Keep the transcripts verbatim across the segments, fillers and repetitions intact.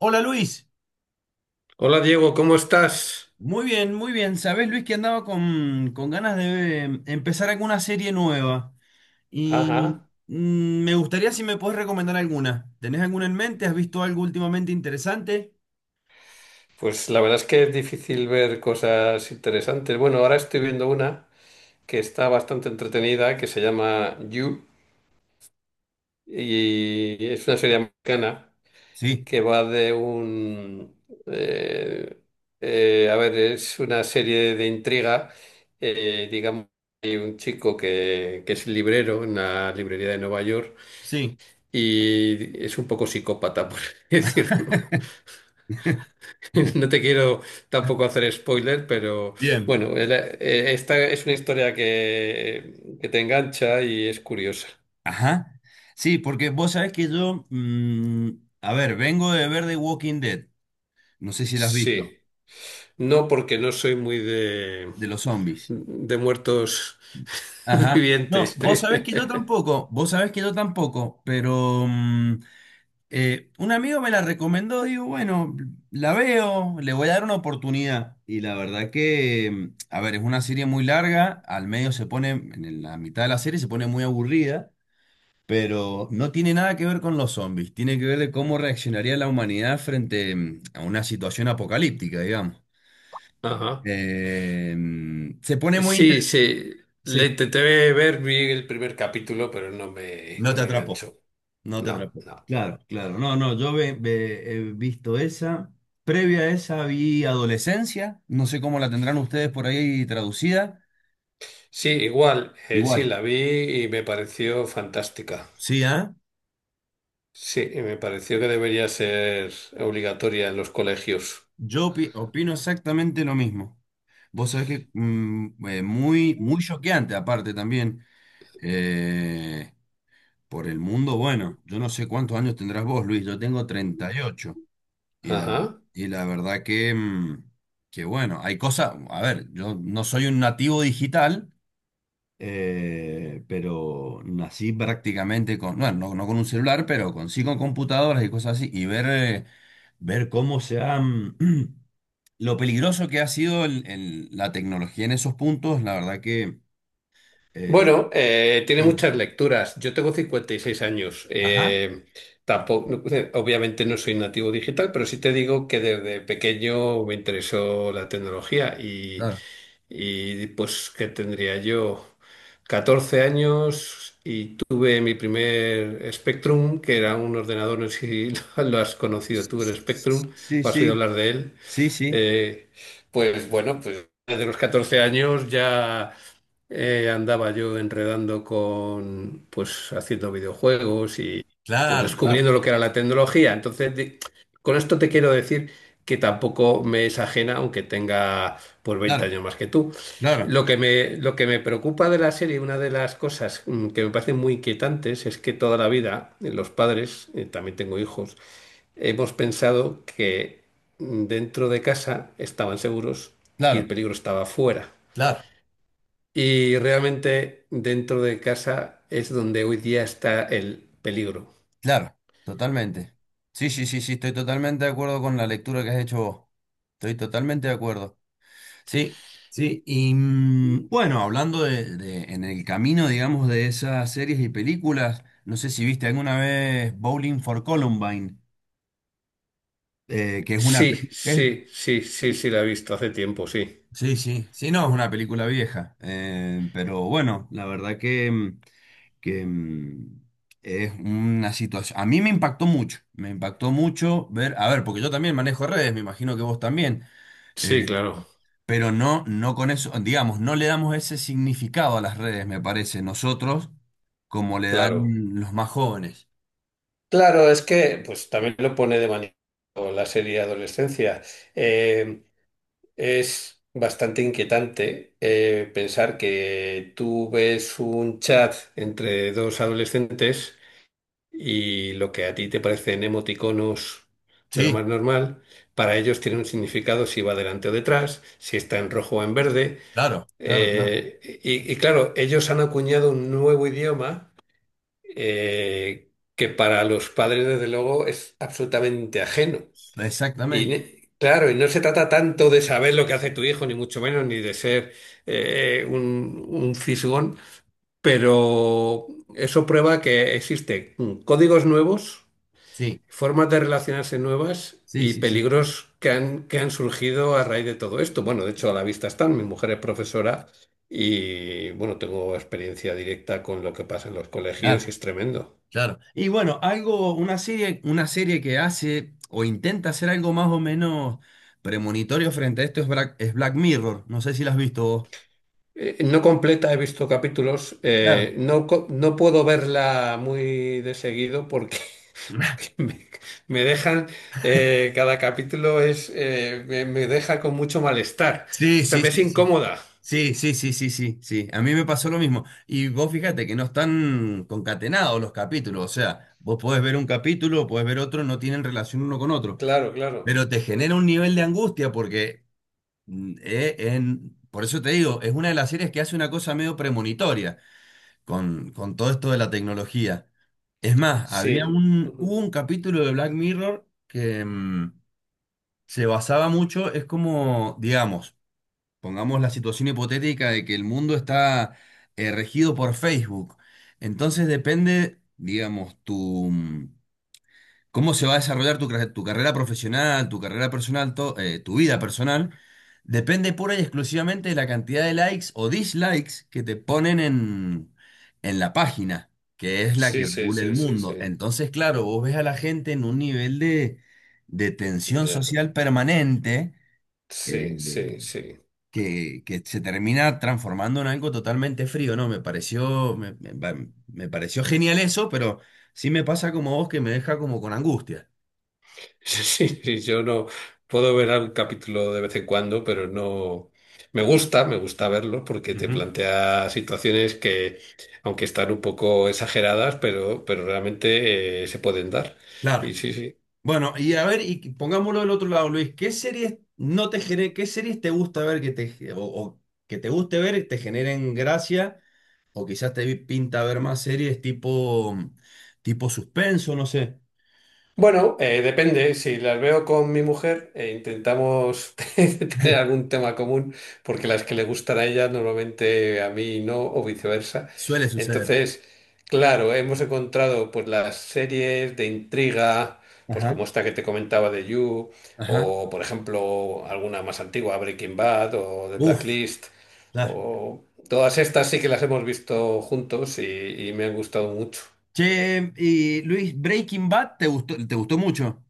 Hola Luis, Hola Diego, ¿cómo estás? muy bien, muy bien. Sabés Luis que andaba con, con ganas de eh, empezar alguna serie nueva y Ajá. mm, me gustaría si me podés recomendar alguna. ¿Tenés alguna en mente? ¿Has visto algo últimamente interesante? Pues la verdad es que es difícil ver cosas interesantes. Bueno, ahora estoy viendo una que está bastante entretenida, que se llama You, y es una serie americana Sí, que va de un... eh, eh, a ver, es una serie de intriga. eh, digamos, hay un chico que, que es librero en una librería de Nueva York sí. y es un poco psicópata, por así decirlo. No te quiero tampoco hacer spoiler, pero Bien. bueno, el- eh, esta es una historia que, que te engancha y es curiosa. Ajá. Sí, porque vos sabés que yo, mm, a ver, vengo de ver The Walking Dead. No sé si la has visto, Sí, no porque no soy muy de, de los zombies. de muertos Ajá. No, vivientes. vos sabés que yo tampoco, vos sabés que yo tampoco, pero mm, Eh, un amigo me la recomendó, digo, bueno, la veo, le voy a dar una oportunidad. Y la verdad que, mm, a ver, es una serie muy larga, al medio se pone, en la mitad de la serie se pone muy aburrida, pero no tiene nada que ver con los zombies, tiene que ver de cómo reaccionaría la humanidad frente mm, a una situación apocalíptica, digamos. Ajá. Eh, mm, se pone muy Sí, interesante. sí, Sí, le intenté ver, vi el primer capítulo, pero no me, no no te me atrapó. enganchó. No te No, atrapó. no. Claro, claro. No, no, yo ve- ve- he visto esa. Previa a esa vi Adolescencia. No sé cómo la tendrán ustedes por ahí traducida. Sí, igual, eh, sí, Igual. la vi y me pareció fantástica. Sí, ¿ah? Sí, y me pareció que debería ser obligatoria en los colegios. Yo opi- opino exactamente lo mismo. Vos sabés que mm, eh, muy, muy choqueante, aparte también. eh, por el mundo, bueno, yo no sé cuántos años tendrás vos, Luis. Yo tengo treinta y ocho. Y ocho. Y la, Ajá. y la verdad que, mm, que bueno, hay cosas. A ver, yo no soy un nativo digital. Eh, pero nací prácticamente con, bueno, no, no con un celular, pero con, sí con computadoras y cosas así, y ver, eh, ver cómo se han, lo peligroso que ha sido el- el- la tecnología en esos puntos, la verdad que... eh, Bueno, eh, tiene no. muchas lecturas. Yo tengo cincuenta y seis años. Ajá, Eh, tampoco, no, eh, obviamente no soy nativo digital, pero sí te digo que desde pequeño me interesó la tecnología y, claro. y pues que tendría yo catorce años y tuve mi primer Spectrum, que era un ordenador, no sé si lo has conocido tú, el Spectrum, Sí, o has oído sí, hablar de él. sí, sí. Eh, pues bueno, pues desde los catorce años ya eh, andaba yo enredando con, pues haciendo videojuegos y pues Claro, claro, descubriendo lo que era la tecnología. Entonces, di- con esto te quiero decir que tampoco me es ajena, aunque tenga pues veinte claro, años más que tú. claro, Lo que me, lo que me preocupa de la serie, una de las cosas mm, que me parecen muy inquietantes, es que toda la vida eh, los padres, eh, también tengo hijos, hemos pensado que dentro de casa estaban seguros y claro, el peligro estaba fuera. claro, Y realmente dentro de casa es donde hoy día está el peligro. claro, totalmente. Sí, sí, sí, sí, estoy totalmente de acuerdo con la lectura que has hecho vos. Estoy totalmente de acuerdo. Sí, sí. Y mm, bueno, hablando de, de- en el camino, digamos, de esas series y películas, no sé si viste alguna vez Bowling for Columbine, eh, que es una Sí, película... sí, sí, sí, sí, la he visto hace tiempo, sí. Sí, sí, sí, no, es una película vieja. Eh, pero bueno, la verdad que, mm, que mm, es una situación... A mí me impactó mucho, me impactó mucho ver, a ver, porque yo también manejo redes, me imagino que vos también. eh, Sí, claro, Pero no, no con eso, digamos, no le damos ese significado a las redes, me parece, nosotros, como le claro. dan los más jóvenes. Claro, es que pues también lo pone de manifiesto la serie Adolescencia. Es bastante inquietante eh, pensar que tú ves un chat entre dos adolescentes y lo que a ti te parecen emoticonos de lo Sí, más normal, para ellos tiene un significado si va delante o detrás, si está en rojo o en verde. claro, claro, claro. eh, y, y claro, ellos han acuñado un nuevo idioma eh, que para los padres, desde luego, es absolutamente ajeno. Y Exactamente. ne- claro, y no se trata tanto de saber lo que hace tu hijo, ni mucho menos, ni de ser eh, un, un fisgón, pero eso prueba que existen códigos nuevos, Sí, formas de relacionarse nuevas sí, y sí, sí. peligros que han, que han surgido a raíz de todo esto. Bueno, de hecho, a la vista están. Mi mujer es profesora y, bueno, tengo experiencia directa con lo que pasa en los colegios y Claro, es tremendo. claro. Y bueno, algo, una serie, una serie que hace o intenta hacer algo más o menos premonitorio frente a esto es Black, es Black Mirror. No sé si la has visto vos. Eh, No completa, he visto capítulos. Claro. eh, no, co- no puedo verla muy de seguido porque, porque me, me dejan, eh, cada capítulo es, eh, me, me deja con mucho malestar. Sí, O sea, sí, me es sí, sí. incómoda. Sí, sí, sí, sí, sí, sí. A mí me pasó lo mismo. Y vos fíjate que no están concatenados los capítulos. O sea, vos podés ver un capítulo, podés ver otro, no tienen relación uno con otro. Claro, claro. Pero te genera un nivel de angustia porque, mm, eh, en- por eso te digo, es una de las series que hace una cosa medio premonitoria con, con todo esto de la tecnología. Es más, había Sí. un, hubo Ujú. un capítulo de Black Mirror que mm, se basaba mucho, es como, digamos, pongamos la situación hipotética de que el mundo está eh, regido por Facebook. Entonces depende, digamos, tu mm, cómo se va a desarrollar tu, carre- tu carrera profesional, tu carrera personal, to- eh, tu vida personal. Depende pura y exclusivamente de la cantidad de likes o dislikes que te ponen en, en la página, que es la que Sí, sí, regula el sí, sí, mundo. sí. Entonces, claro, vos ves a la gente en un nivel de, de tensión Ya. social permanente. Sí, eh, sí, sí. que, que se termina transformando en algo totalmente frío, ¿no? Me pareció, me, me- va- me pareció genial eso, pero sí me pasa como vos que me deja como con angustia. Sí, sí, yo no puedo ver un capítulo de vez en cuando, pero no me gusta, me gusta verlo porque te Ujú. plantea situaciones que, aunque están un poco exageradas, pero, pero realmente eh, se pueden dar. Claro. Y sí, sí. Bueno, y a ver, y pongámoslo del otro lado, Luis, ¿qué series no te gene- qué series te gusta ver que te, ge- o, o que te guste ver y te generen gracia? O quizás te pinta ver más series tipo, tipo suspenso, no sé. Bueno, eh, depende. Si las veo con mi mujer, eh, intentamos tener algún tema común, porque las que le gustan a ella normalmente a mí no, o viceversa. Suele suceder. Entonces, claro, hemos encontrado pues las series de intriga, pues Ajá, como esta que te comentaba de You, ajá. o por ejemplo alguna más antigua, Breaking Bad o The Uf, Blacklist, claro. o todas estas sí que las hemos visto juntos y y me han gustado mucho. Che, y Luis, Breaking Bad, ¿te gustó, te gustó mucho?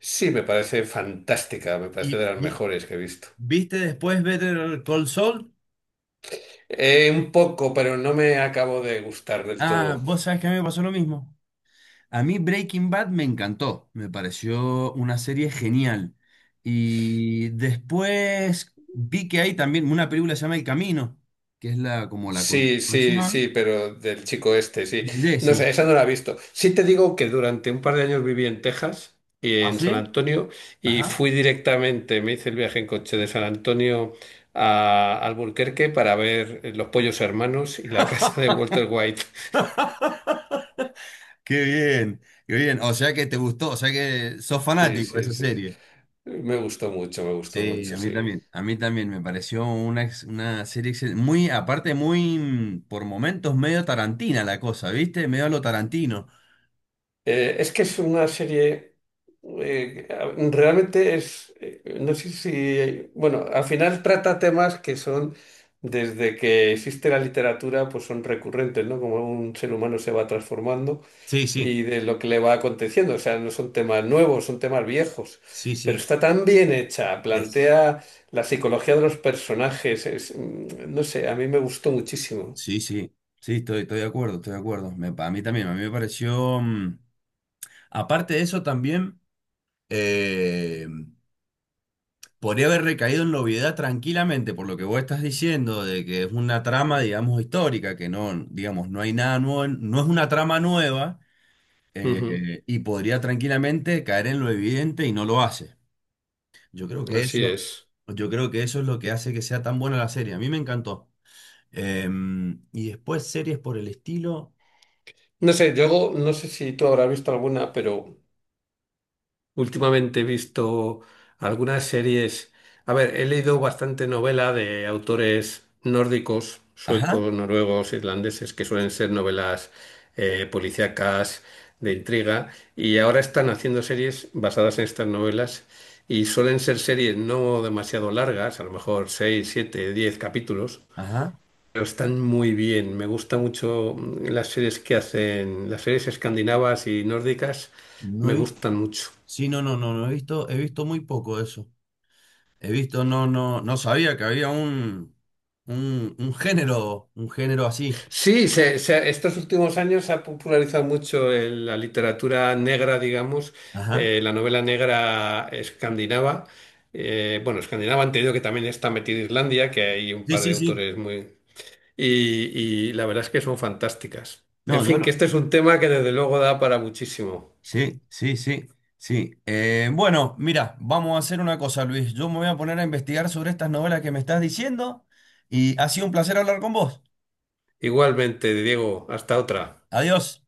Sí, me parece fantástica, me parece ¿Y de las vi- mejores que he visto. viste después Better Call Saul? Eh, un poco, pero no me acabo de gustar del Ah, todo. vos sabés que a mí me pasó lo mismo. A mí Breaking Bad me encantó, me pareció una serie genial. Y después vi que hay también una película que se llama El Camino, que es la como la Sí, sí, sí, continuación pero del chico este, sí. de No Jesse. sé, esa no la he visto. Sí te digo que durante un par de años viví en Texas y ¿Ah, en San sí? Antonio y Ajá. fui directamente, me hice el viaje en coche de San Antonio a Albuquerque para ver eh, Los Pollos Hermanos y la casa de Walter White. Qué bien, qué bien. O sea que te gustó, o sea que sos Sí, fanático de sí, esa sí. serie. Me gustó mucho, me gustó Sí, mucho, a sí. mí también. A mí también me pareció una, ex- una serie excel- muy, aparte, muy mm, por momentos medio tarantina la cosa, ¿viste? Medio a lo tarantino. Eh, es que es una serie, eh, realmente es, eh, no sé si, bueno, al final trata temas que son, desde que existe la literatura, pues son recurrentes, ¿no? Como un ser humano se va transformando Sí, sí, y de lo que le va aconteciendo. O sea, no son temas nuevos, son temas viejos. sí, Pero sí. está tan bien hecha, Es. plantea la psicología de los personajes, es, mm, no sé, a mí me gustó muchísimo. Sí, sí, sí, estoy, estoy de acuerdo, estoy de acuerdo. Me- a mí también, a mí me pareció. Mm, aparte de eso, también eh, podría haber recaído en la obviedad tranquilamente, por lo que vos estás diciendo, de que es una trama, digamos, histórica, que no, digamos, no hay nada nuevo, en- no es una trama nueva. Ujú, eh, Y podría tranquilamente caer en lo evidente y no lo hace. Yo creo que así eso, es. yo creo que eso es lo que hace que sea tan buena la serie. A mí me encantó. Em, y después series por el estilo. No sé, yo no sé si tú habrás visto alguna, pero... Últimamente he visto algunas series. A ver, he leído bastante novela de autores nórdicos, Ajá, suecos, noruegos, irlandeses, que suelen ser novelas eh, policíacas de intriga. Y ahora están haciendo series basadas en estas novelas. Y suelen ser series no demasiado largas, a lo mejor seis, siete, diez capítulos. ajá. Pero están muy bien. Me gusta mucho mm, las series que hacen, las series escandinavas y nórdicas No me he visto. gustan mucho. Sí, no, no, no, no he visto, he visto muy poco de eso. He visto, no, no, no sabía que había un, un, un género, un género así. Sí, se- se- estos últimos años se ha popularizado mucho el- la literatura negra, digamos, Ajá. eh, la novela negra escandinava. Eh, bueno, escandinava, han tenido que también está metida Islandia, que hay un Sí, par de sí, sí. autores muy... Y, y la verdad es que son fantásticas. En No, yo fin, que lo- este es un tema que desde luego da para muchísimo. sí, sí, sí, sí. Eh, bueno, mira, vamos a hacer una cosa, Luis. Yo me voy a poner a investigar sobre estas novelas que me estás diciendo y ha sido un placer hablar con vos. Igualmente, Diego, hasta otra. Adiós.